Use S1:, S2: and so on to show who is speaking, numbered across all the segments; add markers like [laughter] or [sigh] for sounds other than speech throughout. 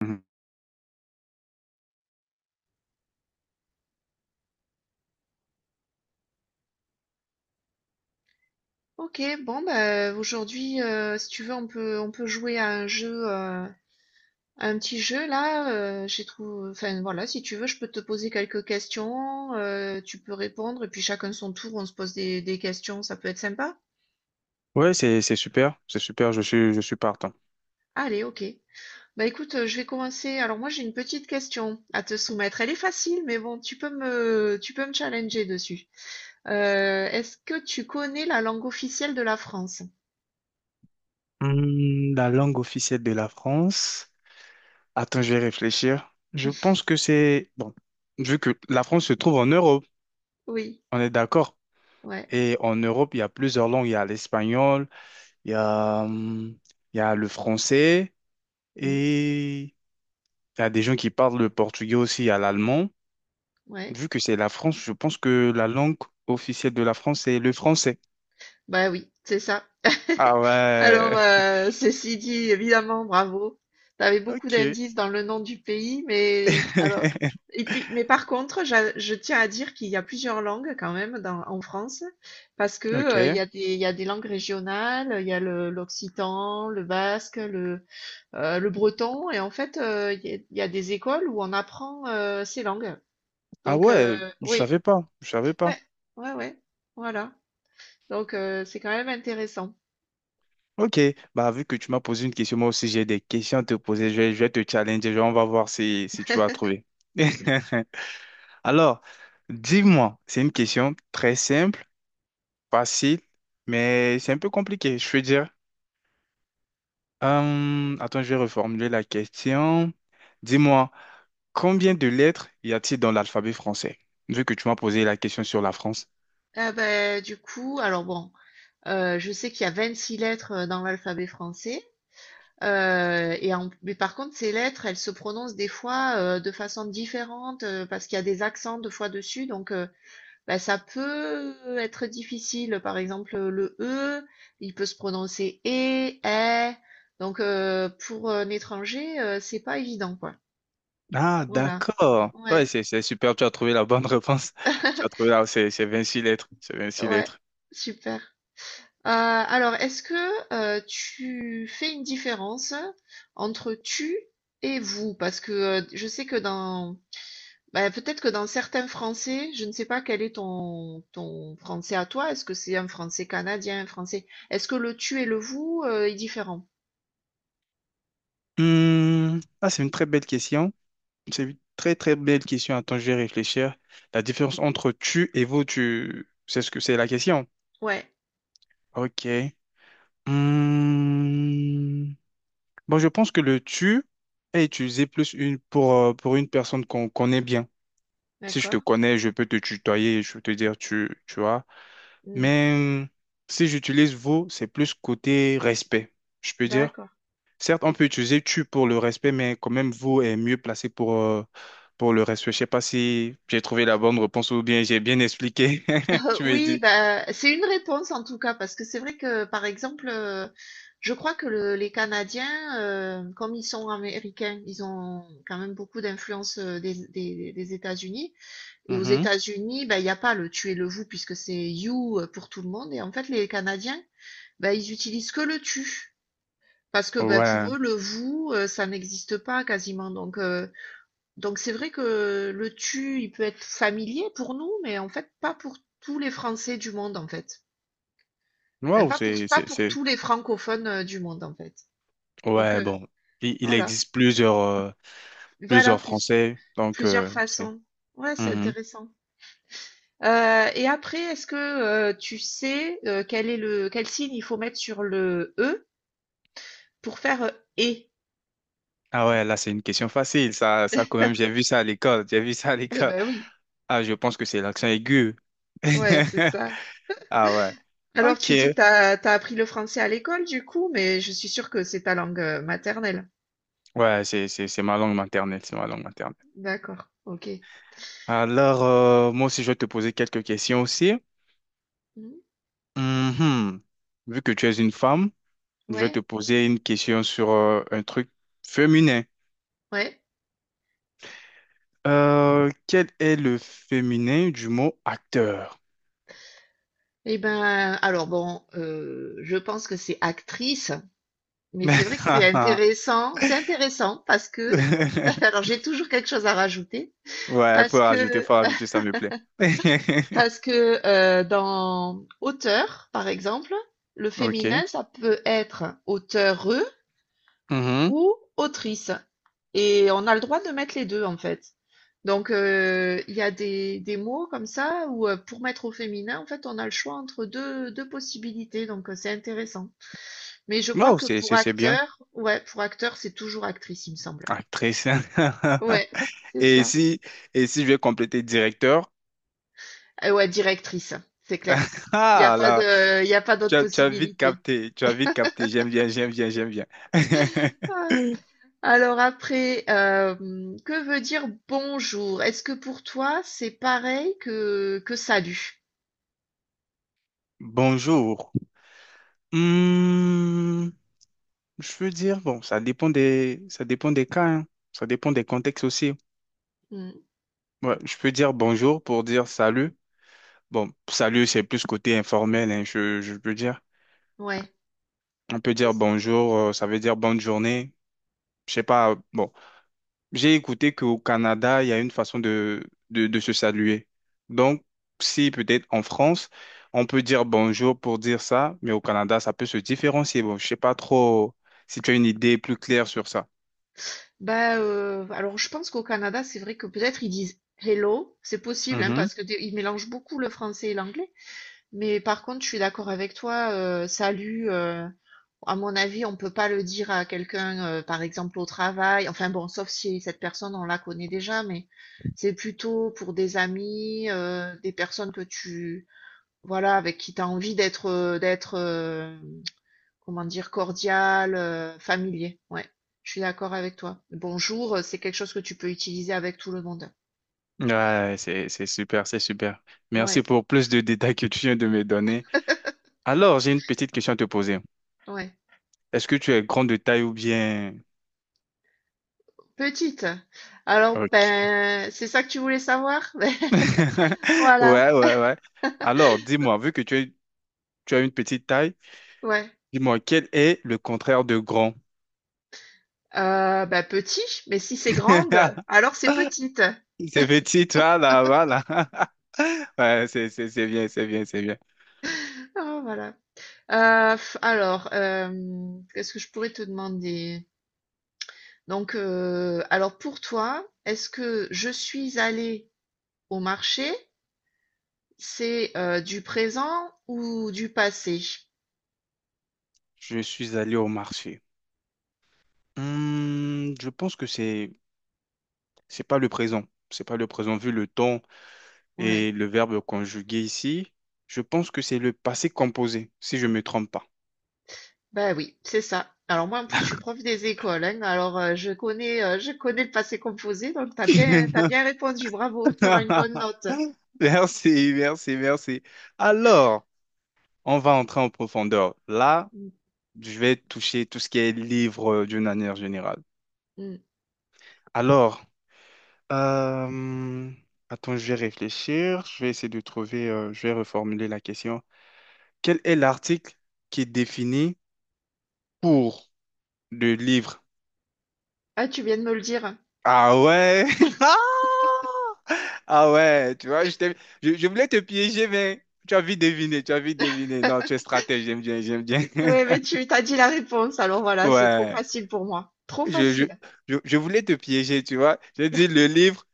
S1: Mhm.
S2: Ok, bon bah aujourd'hui si tu veux on peut jouer à un jeu à un petit jeu là j'ai trouvé enfin voilà si tu veux je peux te poser quelques questions tu peux répondre et puis chacun son tour on se pose des questions, ça peut être sympa.
S1: Ouais, c'est super, c'est super, je suis partant.
S2: Allez, ok, bah écoute, je vais commencer. Alors moi j'ai une petite question à te soumettre, elle est facile mais bon, tu peux me challenger dessus. Est-ce que tu connais la langue officielle de la France?
S1: Hmm, la langue officielle de la France. Attends, je vais réfléchir. Je pense
S2: [laughs]
S1: que c'est bon, vu que la France se trouve en Europe,
S2: Oui.
S1: on est d'accord.
S2: Ouais.
S1: Et en Europe, il y a plusieurs langues, il y a l'espagnol, il y a hum, il y a le français
S2: Mm.
S1: et il y a des gens qui parlent le portugais aussi, il y a l'allemand.
S2: Ouais.
S1: Vu que c'est la France, je pense que la langue officielle de la France, c'est le français.
S2: Bah oui, c'est ça.
S1: Ah
S2: [laughs] Alors,
S1: ouais.
S2: ceci dit, évidemment, bravo. T'avais
S1: [laughs]
S2: beaucoup
S1: Ok.
S2: d'indices dans le nom du pays, mais alors,
S1: [laughs]
S2: et puis, mais par contre, je tiens à dire qu'il y a plusieurs langues quand même dans, en France, parce que il y
S1: Ok.
S2: a des, il y a des langues régionales, il y a l'occitan, le basque, le breton, et en fait, il y a des écoles où on apprend ces langues.
S1: Ah
S2: Donc,
S1: ouais, je
S2: oui,
S1: savais pas, je savais pas.
S2: ouais, ouais, ouais, voilà. Donc, c'est quand même intéressant.
S1: Ok, bah vu que tu m'as posé une question, moi aussi j'ai des questions à te poser, je vais te challenger, genre, on va voir si, si tu vas trouver. [laughs] Alors, dis-moi, c'est une question très simple, facile, mais c'est un peu compliqué, je veux dire. Attends, je vais reformuler la question. Dis-moi, combien de lettres y a-t-il dans l'alphabet français? Vu que tu m'as posé la question sur la France.
S2: Ah bah, du coup, alors bon, je sais qu'il y a 26 lettres dans l'alphabet français, mais par contre, ces lettres, elles se prononcent des fois de façon différente parce qu'il y a des accents deux fois dessus, donc bah, ça peut être difficile. Par exemple, le E, il peut se prononcer E, E, donc pour un étranger, c'est pas évident, quoi.
S1: Ah,
S2: Voilà.
S1: d'accord. Ouais,
S2: Ouais,
S1: c'est super, tu as trouvé la bonne réponse. [laughs] Tu as trouvé
S2: [laughs]
S1: là, c'est 26 lettres. C'est 26
S2: ouais,
S1: lettres.
S2: super. Alors, est-ce que tu fais une différence entre tu et vous? Parce que je sais que dans, bah, peut-être que dans certains français, je ne sais pas quel est ton français à toi. Est-ce que c'est un français canadien, un français? Est-ce que le tu et le vous est différent?
S1: Hmm, ah, c'est une très belle question. C'est une très, très belle question. Attends, je vais réfléchir. La différence entre tu et vous, tu, c'est ce que c'est la question.
S2: Ouais,
S1: Ok. Hmm, bon, je pense que le tu est utilisé plus une pour une personne qu'on connaît bien. Si je te
S2: d'accord.
S1: connais, je peux te tutoyer, je peux te dire tu, tu vois.
S2: Mm,
S1: Mais si j'utilise vous, c'est plus côté respect, je peux dire.
S2: d'accord.
S1: Certes, on peut utiliser tu pour le respect, mais quand même vous est mieux placé pour le respect. Je sais pas si j'ai trouvé la bonne réponse ou bien j'ai bien expliqué. [laughs] Tu me
S2: Oui,
S1: dis.
S2: bah, c'est une réponse en tout cas, parce que c'est vrai que, par exemple, je crois que le les Canadiens, comme ils sont américains, ils ont quand même beaucoup d'influence, des États-Unis, et aux
S1: Mhm.
S2: États-Unis, bah, il n'y a pas le tu et le vous puisque c'est you, pour tout le monde. Et en fait les Canadiens, bah, ils utilisent que le tu. Parce que, bah,
S1: Ouais.
S2: pour eux, le vous, ça n'existe pas quasiment, donc c'est vrai que le tu, il peut être familier pour nous, mais en fait pas pour tous les Français du monde en fait. Enfin,
S1: Waouh,
S2: pas pour pas pour
S1: c'est...
S2: tous les francophones du monde en fait. Donc
S1: Ouais, bon. Il
S2: voilà,
S1: existe plusieurs,
S2: voilà
S1: plusieurs français, donc
S2: plusieurs
S1: c'est...
S2: façons. Ouais, c'est
S1: Mhm.
S2: intéressant. Et après, est-ce que tu sais, quel est le quel signe il faut mettre sur le e pour faire et?
S1: Ah ouais, là, c'est une question facile. Ça quand même, j'ai vu ça à l'école. J'ai vu ça à
S2: Eh
S1: l'école.
S2: ben oui,
S1: Ah, je pense que c'est l'accent aigu.
S2: ouais, c'est ça.
S1: [laughs] Ah ouais.
S2: Alors
S1: Ok.
S2: tu dis que t'as appris le français à l'école du coup, mais je suis sûre que c'est ta langue maternelle.
S1: Ouais, c'est ma langue maternelle, c'est ma langue maternelle.
S2: D'accord, ok.
S1: Alors, moi aussi, je vais te poser quelques questions aussi.
S2: Mmh.
S1: Mhm. Vu que tu es une femme, je vais te
S2: Ouais,
S1: poser une question sur un truc féminin.
S2: ouais.
S1: Quel est le féminin du mot acteur?
S2: Et ben, alors bon, je pense que c'est actrice, mais c'est vrai que c'est
S1: [laughs]
S2: intéressant. C'est intéressant parce que, [laughs] alors j'ai toujours quelque chose à rajouter,
S1: Ouais,
S2: parce que,
S1: faut
S2: euh,
S1: rajouter, ça me plaît.
S2: parce
S1: [laughs]
S2: que euh, dans auteur, par exemple, le
S1: Ok.
S2: féminin, ça peut être auteure,
S1: Mhm.
S2: ou autrice. Et on a le droit de mettre les deux en fait. Donc il y a des mots comme ça où pour mettre au féminin, en fait, on a le choix entre deux possibilités. Donc c'est intéressant. Mais je crois
S1: Wow,
S2: que pour
S1: c'est bien.
S2: acteur, ouais, pour acteur, c'est toujours actrice, il me semble.
S1: Actrice. [laughs]
S2: Ouais, c'est
S1: Et
S2: ça.
S1: si, et si je vais compléter directeur,
S2: Ouais, directrice, c'est clair.
S1: [laughs]
S2: Il n'y a
S1: ah
S2: pas
S1: là,
S2: de, il y a pas d'autre
S1: tu as vite
S2: possibilité.
S1: capté, tu as vite capté, j'aime bien, j'aime bien, j'aime bien.
S2: Ouais.
S1: [laughs]
S2: Alors après, que veut dire bonjour? Est-ce que pour toi, c'est pareil que salut?
S1: Bonjour. Hmm, je peux dire, bon, ça dépend des cas, hein. Ça dépend des contextes aussi.
S2: Mmh.
S1: Ouais, je peux dire bonjour pour dire salut. Bon, salut, c'est plus côté informel, hein, je peux dire.
S2: Ouais,
S1: On peut
S2: c'est
S1: dire
S2: ç
S1: bonjour, ça veut dire bonne journée. Je sais pas, bon. J'ai écouté qu'au Canada, il y a une façon de, de se saluer. Donc, si peut-être en France, on peut dire bonjour pour dire ça, mais au Canada, ça peut se différencier. Bon, je sais pas trop si tu as une idée plus claire sur ça.
S2: bah, alors je pense qu'au Canada, c'est vrai que peut-être ils disent hello, c'est possible, hein,
S1: Mhm.
S2: parce que des ils mélangent beaucoup le français et l'anglais. Mais par contre, je suis d'accord avec toi, salut, à mon avis, on peut pas le dire à quelqu'un, par exemple au travail. Enfin bon, sauf si cette personne, on la connaît déjà, mais c'est plutôt pour des amis, des personnes que tu voilà, avec qui tu as envie d'être, euh, comment dire? Cordial, familier, ouais. Je suis d'accord avec toi. «Bonjour», c'est quelque chose que tu peux utiliser avec tout le monde.
S1: Ouais, c'est super, c'est super. Merci
S2: Ouais.
S1: pour plus de détails que tu viens de me donner.
S2: [laughs]
S1: Alors, j'ai une petite question à te poser.
S2: Ouais.
S1: Est-ce que tu es grande de taille ou bien...
S2: Petite? Alors,
S1: Ok.
S2: ben, c'est ça que tu voulais savoir? [laughs] Beh,
S1: [laughs]
S2: voilà,
S1: Ouais, ouais, ouais. Alors, dis-moi, vu que tu es- tu as une petite taille.
S2: ouais.
S1: Dis-moi, quel est le contraire de grand?
S2: Bah, petit, mais si c'est grande,
S1: [laughs]
S2: alors c'est petite.
S1: C'est petit, toi, là, voilà. [laughs] Ouais, c'est bien, c'est bien, c'est bien.
S2: [laughs] Ah, voilà. Alors, qu'est-ce que je pourrais te demander? Donc, alors pour toi, est-ce que je suis allée au marché, c'est du présent ou du passé?
S1: Je suis allé au marché. Hmm, je pense que c'est pas le présent. C'est pas le présent vu le temps.
S2: Ouais.
S1: Et le verbe conjugué ici, je pense que c'est le passé composé, si je ne me trompe pas.
S2: Bah, oui, c'est ça. Alors moi, en plus, je suis prof des écoles, hein, alors, je connais le passé composé, donc t'as bien répondu, bravo. T'auras une bonne
S1: [laughs]
S2: note.
S1: Merci, merci, merci. Alors, on va entrer en profondeur. Là,
S2: Mmh.
S1: je vais toucher tout ce qui est livre d'une manière générale.
S2: Mh.
S1: Alors, euh, je vais réfléchir. Je vais essayer de trouver, Je vais reformuler la question. Quel est l'article qui est défini pour le livre?
S2: Ah, tu viens de me le dire.
S1: Ah ouais! [laughs] Ah ah ouais, je voulais te piéger, mais tu as vite deviné, tu as vite deviné. Non, tu es stratège, j'aime bien, j'aime bien.
S2: Oui, mais
S1: [laughs]
S2: tu as dit la réponse, alors voilà, c'est trop
S1: Ouais,
S2: facile pour moi. Trop
S1: je, je,
S2: facile.
S1: je voulais te piéger, tu vois. J'ai dit le livre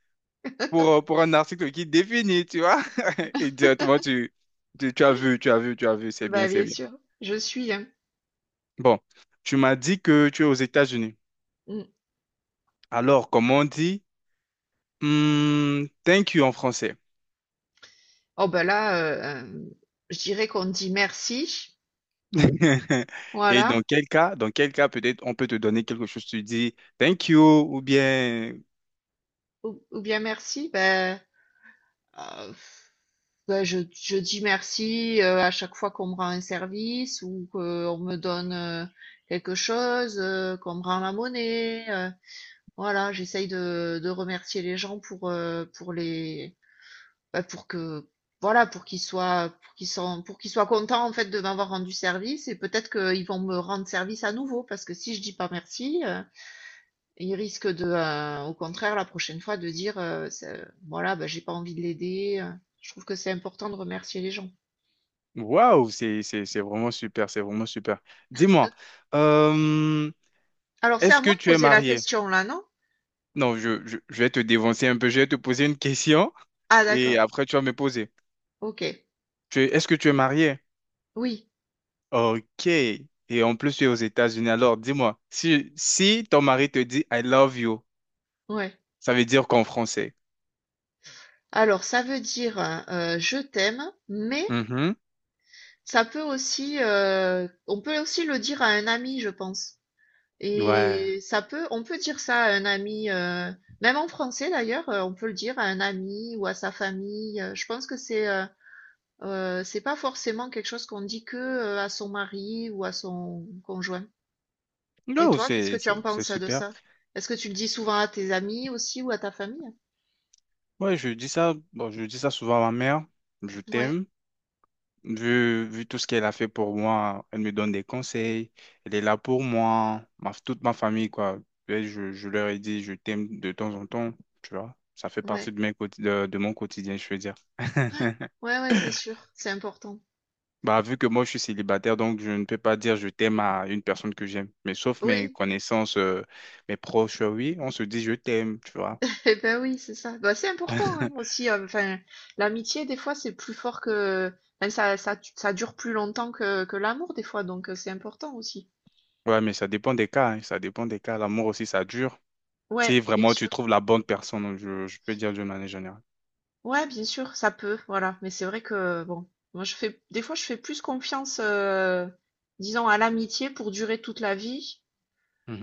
S1: pour un article qui définit, tu vois. [laughs] Et directement, tu as vu, tu as vu, tu as vu, c'est bien,
S2: Bah,
S1: c'est
S2: bien
S1: bien.
S2: sûr, je suis, hein.
S1: Bon, tu m'as dit que tu es aux États-Unis.
S2: Mmh.
S1: Alors, comment on dit? Hmm, thank you en français.
S2: Oh, bah, là, hem, je dirais qu'on dit merci,
S1: [laughs] Et
S2: voilà,
S1: dans quel cas peut-être on peut te donner quelque chose, tu dis thank you ou bien
S2: ou bien merci, bah. Euh, ouais, je dis merci à chaque fois qu'on me rend un service ou qu'on me donne quelque chose, qu'on me rend la monnaie. Voilà, j'essaye de remercier les gens pour les, bah, pour que, voilà, pour qu'ils soient contents en fait de m'avoir rendu service, et peut-être qu'ils vont me rendre service à nouveau, parce que si je dis pas merci, ils risquent de, au contraire, la prochaine fois, de dire, ce voilà, bah, j'ai pas envie de l'aider. Je trouve que c'est important de remercier les gens.
S1: waouh, c'est vraiment super, c'est vraiment super. Dis-moi, euh,
S2: Alors, c'est à
S1: est-ce que
S2: moi de
S1: tu es
S2: poser la
S1: marié?
S2: question là, non?
S1: Non, je vais te dévancer un peu, je vais te poser une question
S2: Ah,
S1: et
S2: d'accord,
S1: après tu vas me poser.
S2: OK.
S1: Est-ce que tu es marié?
S2: Oui,
S1: Ok. Et en plus tu es aux États-Unis, alors dis-moi, si si ton mari te dit I love you,
S2: ouais.
S1: ça veut dire qu'en français.
S2: Alors ça veut dire, «je t'aime», mais
S1: Mhm.
S2: ça peut aussi, on peut aussi le dire à un ami, je pense,
S1: Ouais.
S2: et ça peut on peut dire ça à un ami, même en français d'ailleurs, on peut le dire à un ami ou à sa famille, je pense que c'est pas forcément quelque chose qu'on dit que, à son mari ou à son conjoint. Et
S1: Non,
S2: toi, qu'est-ce que tu en
S1: c'est
S2: penses de
S1: super.
S2: ça? Est-ce que tu le dis souvent à tes amis aussi ou à ta famille?
S1: Ouais, je dis ça, bon, je dis ça souvent à ma mère, je
S2: Ouais,
S1: t'aime, vu tout ce qu'elle a fait pour moi, elle me donne des conseils, elle est là pour moi, ma, toute ma famille, quoi. Et je leur ai dit, je t'aime de temps en temps, tu vois, ça fait
S2: ouais,
S1: partie de, de mon quotidien, je veux dire.
S2: ouais.
S1: [laughs]
S2: Ouais, ouais, c'est sûr, c'est important.
S1: Bah, vu que moi, je suis célibataire, donc je ne peux pas dire je t'aime à une personne que j'aime, mais sauf mes
S2: Oui,
S1: connaissances, mes proches, oui, on se dit je t'aime, tu vois.
S2: [laughs] et ben oui, c'est ça. Bah, c'est important, hein,
S1: [laughs]
S2: aussi, enfin, l'amitié des fois c'est plus fort que, enfin, ça dure plus longtemps que l'amour des fois, donc c'est important aussi.
S1: Ouais, mais ça dépend des cas, hein, ça dépend des cas, l'amour aussi, ça dure.
S2: Ouais,
S1: Si
S2: bien
S1: vraiment tu
S2: sûr.
S1: trouves la bonne personne, donc je peux dire d'une manière générale.
S2: Ouais, bien sûr, ça peut, voilà. Mais c'est vrai que bon, moi je fais des fois je fais plus confiance, disons, à l'amitié pour durer toute la vie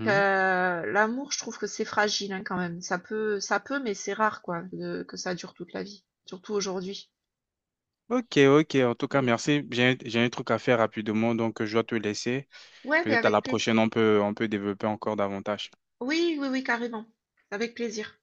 S2: que l'amour. Je trouve que c'est fragile, hein, quand même. Ça peut, mais c'est rare, quoi, que ça dure toute la vie, surtout aujourd'hui.
S1: Ok, ok. En tout cas,
S2: Mm.
S1: merci. J'ai un truc à faire rapidement, donc je dois te laisser.
S2: Ouais, mais
S1: Peut-être à
S2: avec
S1: la
S2: plaisir.
S1: prochaine, on peut développer encore davantage.
S2: Oui, oui, oui, carrément. Avec plaisir.